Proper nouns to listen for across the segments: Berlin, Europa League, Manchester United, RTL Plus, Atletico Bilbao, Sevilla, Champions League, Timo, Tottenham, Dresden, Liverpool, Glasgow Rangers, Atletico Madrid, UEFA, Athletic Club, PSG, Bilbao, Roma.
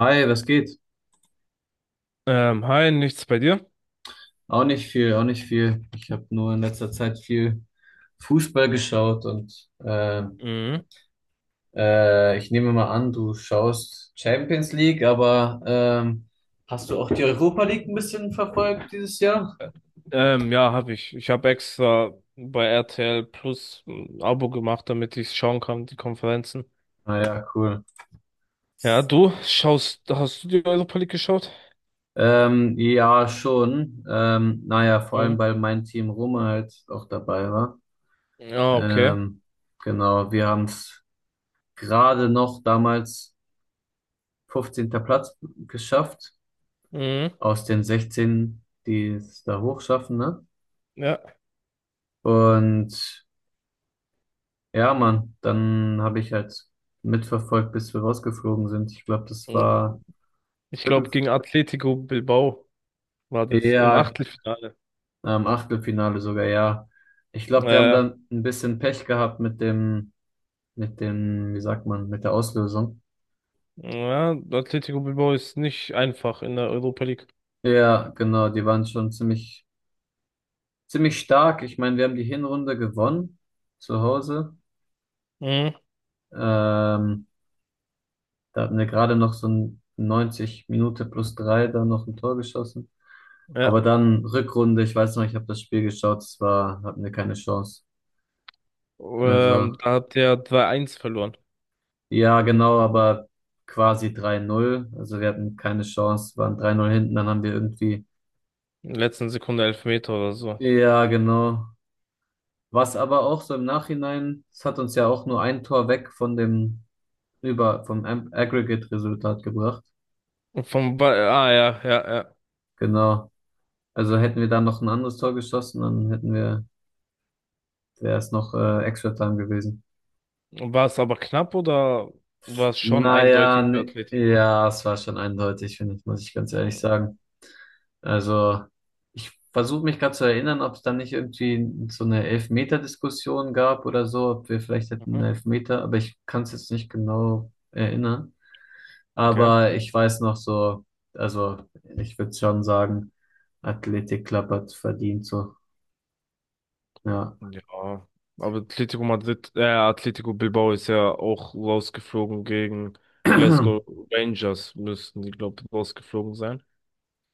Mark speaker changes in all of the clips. Speaker 1: Hi, was geht?
Speaker 2: Hi, nichts bei dir?
Speaker 1: Auch nicht viel, auch nicht viel. Ich habe nur in letzter Zeit viel Fußball geschaut und
Speaker 2: Mhm.
Speaker 1: ich nehme mal an, du schaust Champions League, aber hast du auch die Europa League ein bisschen verfolgt dieses Jahr?
Speaker 2: Ja, habe ich. Ich habe extra bei RTL Plus ein Abo gemacht, damit ich schauen kann, die Konferenzen.
Speaker 1: Naja, cool.
Speaker 2: Ja, du schaust, hast du die Europa League geschaut?
Speaker 1: Ja, schon. Naja, vor allem,
Speaker 2: Mhm.
Speaker 1: weil mein Team Roma halt auch dabei war.
Speaker 2: Ja, okay.
Speaker 1: Ähm, genau, wir haben es gerade noch damals 15. Platz geschafft,
Speaker 2: Mhm.
Speaker 1: aus den 16, die es da hochschaffen, ne?
Speaker 2: Ja.
Speaker 1: Und ja, Mann, dann habe ich halt mitverfolgt, bis wir rausgeflogen sind. Ich glaube, das
Speaker 2: Mhm.
Speaker 1: war
Speaker 2: Ich
Speaker 1: Viertel,
Speaker 2: glaube, gegen Atletico Bilbao war das im
Speaker 1: ja,
Speaker 2: Achtelfinale.
Speaker 1: Achtelfinale sogar, ja. Ich glaube, wir haben
Speaker 2: Äh,
Speaker 1: dann ein bisschen Pech gehabt mit dem, wie sagt man, mit der Auslösung.
Speaker 2: ja, Atletico Bilbao ist nicht einfach in der Europa League.
Speaker 1: Ja, genau, die waren schon ziemlich, ziemlich stark. Ich meine, wir haben die Hinrunde gewonnen zu Hause.
Speaker 2: Mhm.
Speaker 1: Ähm, Da hatten wir gerade noch so ein 90 Minute plus drei, dann noch ein Tor geschossen.
Speaker 2: Ja.
Speaker 1: Aber dann Rückrunde, ich weiß noch, ich habe das Spiel geschaut, es war, hatten wir keine Chance.
Speaker 2: Ähm,
Speaker 1: Also,
Speaker 2: da hat der 3-1 verloren.
Speaker 1: ja, genau, aber quasi 3-0. Also wir hatten keine Chance, waren 3-0 hinten, dann haben wir irgendwie,
Speaker 2: In der letzten Sekunde Elfmeter oder so.
Speaker 1: ja, genau. Was aber auch so im Nachhinein, es hat uns ja auch nur ein Tor weg von dem, über, vom Aggregate-Resultat gebracht.
Speaker 2: Vom ba ah ja, ja, ja.
Speaker 1: Genau. Also hätten wir da noch ein anderes Tor geschossen, dann hätten wir der ist noch Extra Time gewesen.
Speaker 2: War es aber knapp oder war es schon
Speaker 1: Naja,
Speaker 2: eindeutig für
Speaker 1: ne,
Speaker 2: Atletico?
Speaker 1: ja, es war schon eindeutig, finde ich, muss ich ganz ehrlich
Speaker 2: Mhm.
Speaker 1: sagen. Also, ich versuche mich gerade zu erinnern, ob es dann nicht irgendwie so eine Elfmeter-Diskussion gab oder so, ob wir vielleicht hätten einen Elfmeter, aber ich kann es jetzt nicht genau erinnern.
Speaker 2: Okay.
Speaker 1: Aber ich weiß noch so, also ich würde schon sagen, Athletic Club hat verdient so, ja.
Speaker 2: Ja, aber Atletico Madrid, Atletico Bilbao ist ja auch rausgeflogen gegen Glasgow Rangers, müssten die, glaube ich, rausgeflogen sein.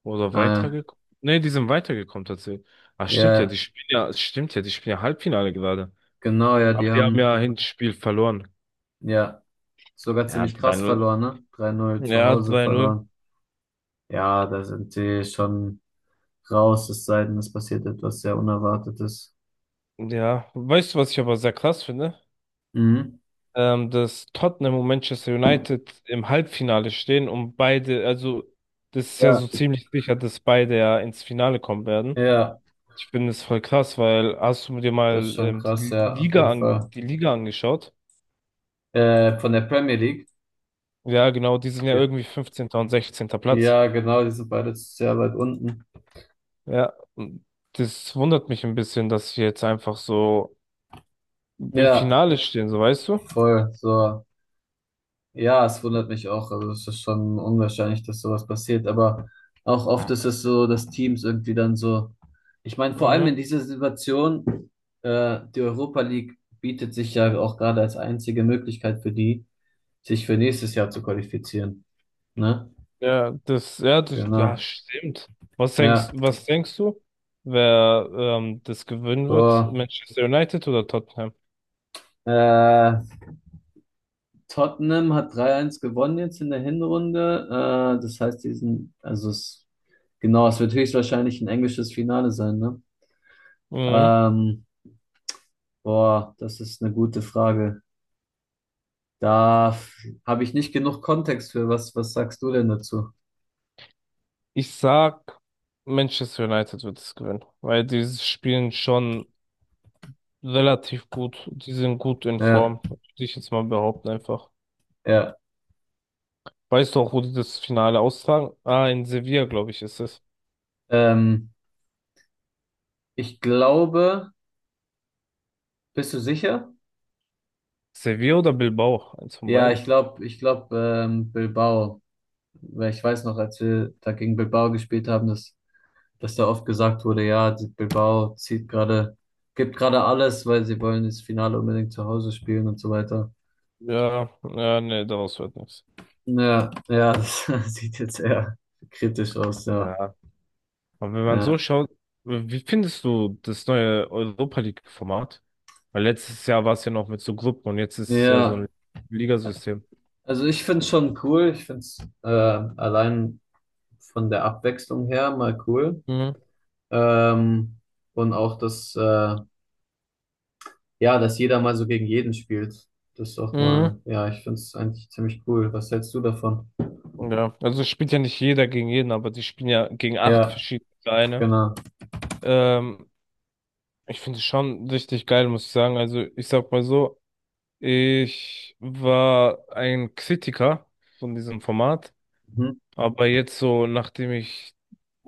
Speaker 2: Oder
Speaker 1: Äh,
Speaker 2: weitergekommen. Nee, die sind weitergekommen tatsächlich. Ah, stimmt ja, die
Speaker 1: ja,
Speaker 2: spielen ja, stimmt ja, die spielen ja Halbfinale gerade.
Speaker 1: genau, ja,
Speaker 2: Aber
Speaker 1: die
Speaker 2: die haben
Speaker 1: haben,
Speaker 2: ja Hinspiel verloren.
Speaker 1: ja. Sogar
Speaker 2: Ja,
Speaker 1: ziemlich
Speaker 2: 3
Speaker 1: krass
Speaker 2: null,
Speaker 1: verloren, ne? 3-0 zu
Speaker 2: ja,
Speaker 1: Hause
Speaker 2: 3 null.
Speaker 1: verloren. Ja, da sind sie schon raus, es sei denn, es passiert etwas sehr Unerwartetes.
Speaker 2: Ja, weißt du, was ich aber sehr krass finde?
Speaker 1: Mhm.
Speaker 2: Ähm, dass Tottenham und Manchester United im Halbfinale stehen und beide, also das ist ja
Speaker 1: Ja,
Speaker 2: so ziemlich sicher, dass beide ja ins Finale kommen werden.
Speaker 1: ja,
Speaker 2: Ich finde es voll krass, weil hast du dir
Speaker 1: das ist
Speaker 2: mal
Speaker 1: schon krass,
Speaker 2: die
Speaker 1: ja, auf
Speaker 2: Liga
Speaker 1: jeden
Speaker 2: an,
Speaker 1: Fall.
Speaker 2: die Liga angeschaut?
Speaker 1: Von der Premier League.
Speaker 2: Ja, genau, die sind ja
Speaker 1: Ge
Speaker 2: irgendwie 15. und 16. Platz.
Speaker 1: Ja, genau, die sind beide sehr weit unten.
Speaker 2: Ja, und das wundert mich ein bisschen, dass sie jetzt einfach so im
Speaker 1: Ja,
Speaker 2: Finale stehen, so weißt du?
Speaker 1: voll, so. Ja, es wundert mich auch. Also es ist schon unwahrscheinlich, dass sowas passiert. Aber auch oft ist es so, dass Teams irgendwie dann so. Ich meine, vor allem in
Speaker 2: Mhm.
Speaker 1: dieser Situation, die Europa League bietet sich ja auch gerade als einzige Möglichkeit für die, sich für nächstes Jahr zu qualifizieren. Ne?
Speaker 2: Ja, das, ja, das, ja,
Speaker 1: Genau.
Speaker 2: stimmt.
Speaker 1: Ja.
Speaker 2: Was denkst du, wer das gewinnen wird?
Speaker 1: Boah.
Speaker 2: Manchester United oder Tottenham?
Speaker 1: Äh, Tottenham hat 3:1 gewonnen jetzt in der Hinrunde. Das heißt, die sind, also es, genau, es wird höchstwahrscheinlich ein englisches Finale sein, ne?
Speaker 2: Mhm.
Speaker 1: Ähm, Boah, das ist eine gute Frage. Da habe ich nicht genug Kontext für. Was sagst du denn dazu?
Speaker 2: Ich sag, Manchester United wird es gewinnen, weil die spielen schon relativ gut. Die sind gut in
Speaker 1: Ja,
Speaker 2: Form, würde ich jetzt mal behaupten einfach.
Speaker 1: ja.
Speaker 2: Weißt du auch, wo die das Finale austragen? Ah, in Sevilla, glaube ich, ist es.
Speaker 1: Ähm, Ich glaube, bist du sicher?
Speaker 2: Sevilla oder Bilbao? Eins von
Speaker 1: Ja,
Speaker 2: beiden.
Speaker 1: ich glaube, Bilbao. Weil ich weiß noch, als wir da gegen Bilbao gespielt haben, dass da oft gesagt wurde, ja, die Bilbao zieht gerade, gibt gerade alles, weil sie wollen das Finale unbedingt zu Hause spielen und so weiter.
Speaker 2: Ja, ja, nee, daraus wird nichts.
Speaker 1: Ja, ja, das sieht jetzt eher kritisch aus, ja.
Speaker 2: Ja, aber wenn man
Speaker 1: Ja,
Speaker 2: so schaut, wie findest du das neue Europa League-Format? Weil letztes Jahr war es ja noch mit so Gruppen und jetzt ist es ja so
Speaker 1: ja.
Speaker 2: ein Ligasystem.
Speaker 1: Also ich finde es schon cool. Ich finde es allein von der Abwechslung her mal cool.
Speaker 2: Mhm.
Speaker 1: Ähm, und auch, dass jeder mal so gegen jeden spielt. Das ist auch
Speaker 2: Mhm.
Speaker 1: mal, ja, ich finde es eigentlich ziemlich cool. Was hältst du davon?
Speaker 2: Ja, also es spielt ja nicht jeder gegen jeden, aber die spielen ja gegen acht
Speaker 1: Ja,
Speaker 2: verschiedene Vereine.
Speaker 1: genau.
Speaker 2: Ähm, ich finde es schon richtig geil, muss ich sagen. Also ich sag mal so, ich war ein Kritiker von diesem Format,
Speaker 1: Mhm.
Speaker 2: aber jetzt so, nachdem ich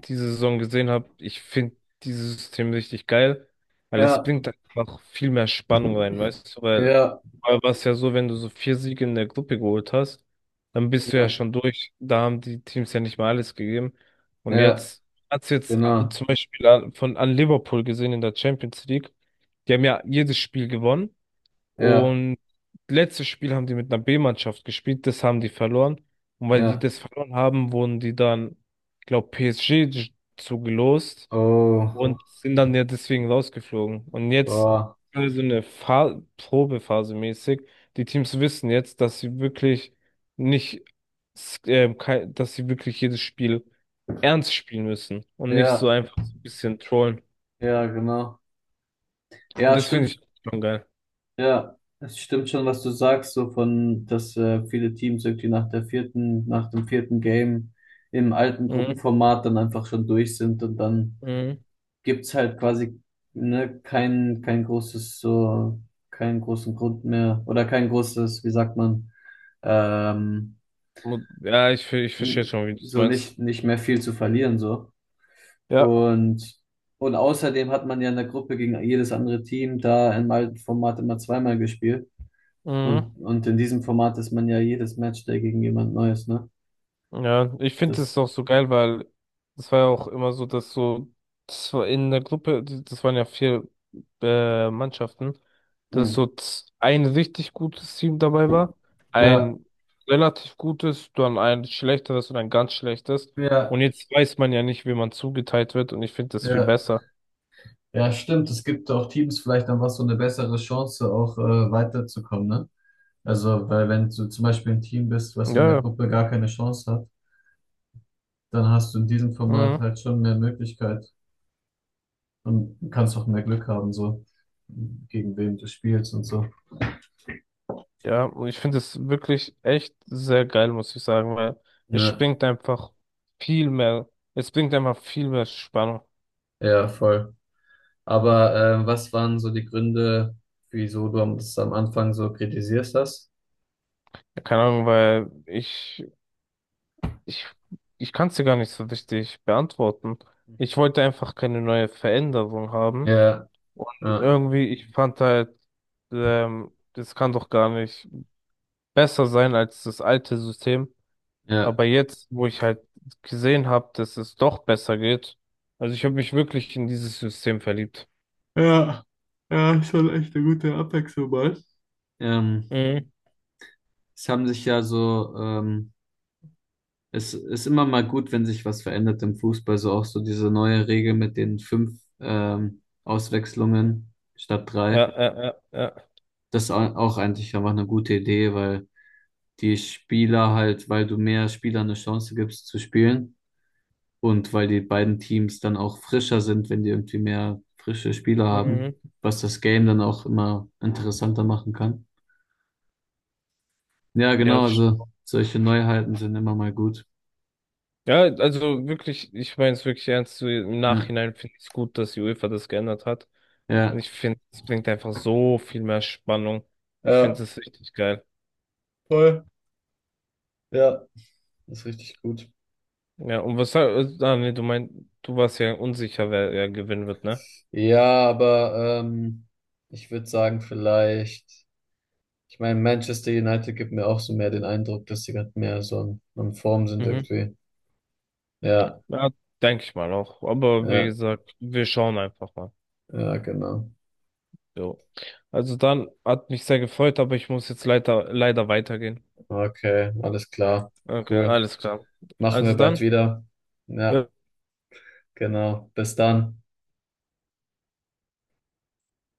Speaker 2: diese Saison gesehen habe, ich finde dieses System richtig geil, weil es
Speaker 1: Ja,
Speaker 2: bringt einfach viel mehr Spannung rein, weißt du? Weil
Speaker 1: ja,
Speaker 2: vorher war es ja so, wenn du so 4 Siege in der Gruppe geholt hast, dann bist du ja
Speaker 1: ja,
Speaker 2: schon durch. Da haben die Teams ja nicht mal alles gegeben. Und
Speaker 1: ja,
Speaker 2: jetzt hat's jetzt
Speaker 1: genau.
Speaker 2: zum Beispiel an, von an Liverpool gesehen in der Champions League. Die haben ja jedes Spiel gewonnen.
Speaker 1: Ja,
Speaker 2: Und letztes Spiel haben die mit einer B-Mannschaft gespielt, das haben die verloren. Und weil die
Speaker 1: ja.
Speaker 2: das verloren haben, wurden die dann, glaube PSG zugelost.
Speaker 1: Oh,
Speaker 2: Mhm. Und sind dann ja deswegen rausgeflogen. Und jetzt
Speaker 1: boah.
Speaker 2: so eine Fa Probephase mäßig. Die Teams wissen jetzt, dass sie wirklich nicht, s- kei- dass sie wirklich jedes Spiel ernst spielen müssen und nicht so
Speaker 1: Ja,
Speaker 2: einfach so ein bisschen trollen.
Speaker 1: ja, genau.
Speaker 2: Und
Speaker 1: Ja,
Speaker 2: das
Speaker 1: stimmt.
Speaker 2: finde ich schon geil.
Speaker 1: Ja, es stimmt schon, was du sagst, so von, dass viele Teams irgendwie nach der vierten, nach dem vierten Game im alten
Speaker 2: Mhm.
Speaker 1: Gruppenformat dann einfach schon durch sind und dann
Speaker 2: Mhm.
Speaker 1: gibt's halt quasi ne, kein großes, so, keinen großen Grund mehr oder kein großes, wie sagt man, ähm,
Speaker 2: Ja, ich verstehe schon, wie du es
Speaker 1: so
Speaker 2: meinst.
Speaker 1: nicht, nicht mehr viel zu verlieren, so.
Speaker 2: Ja,
Speaker 1: Und, und außerdem hat man ja in der Gruppe gegen jedes andere Team da im alten Format immer zweimal gespielt.
Speaker 2: mhm.
Speaker 1: Und in diesem Format ist man ja jedes Matchday gegen jemand Neues, ne?
Speaker 2: Ja, ich finde
Speaker 1: Das,
Speaker 2: es auch so geil, weil es war ja auch immer so, dass so, das war in der Gruppe, das waren ja vier Mannschaften, dass so
Speaker 1: hm.
Speaker 2: z- ein richtig gutes Team dabei war,
Speaker 1: Ja,
Speaker 2: ein relativ gutes, dann ein schlechteres und ein ganz schlechtes.
Speaker 1: ja,
Speaker 2: Und jetzt weiß man ja nicht, wie man zugeteilt wird und ich finde das viel
Speaker 1: ja.
Speaker 2: besser.
Speaker 1: Ja, stimmt. Es gibt auch Teams vielleicht dann was so eine bessere Chance, auch weiterzukommen, ne? Also, weil wenn du zum Beispiel ein Team bist, was in der
Speaker 2: Ja,
Speaker 1: Gruppe gar keine Chance hat, dann hast du in diesem Format
Speaker 2: ja.
Speaker 1: halt schon mehr Möglichkeit und kannst auch mehr Glück haben, so gegen wem du spielst und so.
Speaker 2: Ja, und ich finde es wirklich echt sehr geil, muss ich sagen, weil es
Speaker 1: Ja,
Speaker 2: bringt einfach viel mehr, es bringt einfach viel mehr Spannung.
Speaker 1: ja, voll. Aber was waren so die Gründe, wieso du das am Anfang so kritisierst hast?
Speaker 2: Ja, keine Ahnung, weil ich, ich kann es dir gar nicht so richtig beantworten. Ich
Speaker 1: Mhm.
Speaker 2: wollte einfach keine neue Veränderung haben.
Speaker 1: Ja,
Speaker 2: Und
Speaker 1: ja,
Speaker 2: irgendwie, ich fand halt, das kann doch gar nicht besser sein als das alte System.
Speaker 1: ja.
Speaker 2: Aber jetzt, wo ich halt gesehen habe, dass es doch besser geht, also ich habe mich wirklich in dieses System verliebt.
Speaker 1: Ja, ja, schon echt eine gute Abwechslung mal. Ähm,
Speaker 2: Mhm.
Speaker 1: Es haben sich ja so, es ist immer mal gut, wenn sich was verändert im Fußball, so auch so diese neue Regel mit den fünf Auswechslungen statt
Speaker 2: Ja,
Speaker 1: drei.
Speaker 2: ja, ja, ja.
Speaker 1: Das ist auch eigentlich einfach eine gute Idee, weil die Spieler halt, weil du mehr Spielern eine Chance gibst zu spielen. Und weil die beiden Teams dann auch frischer sind, wenn die irgendwie mehr frische Spieler haben,
Speaker 2: Mhm.
Speaker 1: was das Game dann auch immer interessanter machen kann. Ja,
Speaker 2: Ja,
Speaker 1: genau,
Speaker 2: das ist-
Speaker 1: also solche Neuheiten sind immer mal gut.
Speaker 2: ja, also wirklich, ich meine es wirklich ernst. So im
Speaker 1: Ja,
Speaker 2: Nachhinein finde ich es gut, dass die UEFA das geändert hat.
Speaker 1: ja,
Speaker 2: Und ich finde, es bringt einfach so viel mehr Spannung. Ich
Speaker 1: ja,
Speaker 2: finde es richtig geil.
Speaker 1: voll. Ja, ist richtig gut.
Speaker 2: Ja, und was, du meinst, du warst ja unsicher, wer, wer gewinnen wird, ne?
Speaker 1: Ja, aber ich würde sagen, vielleicht, ich meine, Manchester United gibt mir auch so mehr den Eindruck, dass sie gerade mehr so in Form sind
Speaker 2: Mhm.
Speaker 1: irgendwie. Ja,
Speaker 2: Ja, denke ich mal auch. Aber wie
Speaker 1: ja,
Speaker 2: gesagt, wir schauen einfach mal.
Speaker 1: ja, genau.
Speaker 2: So. Also dann hat mich sehr gefreut, aber ich muss jetzt leider, leider weitergehen.
Speaker 1: Okay, alles klar.
Speaker 2: Okay,
Speaker 1: Cool.
Speaker 2: alles klar.
Speaker 1: Machen
Speaker 2: Also
Speaker 1: wir bald
Speaker 2: dann.
Speaker 1: wieder.
Speaker 2: Ja,
Speaker 1: Ja, genau. Bis dann.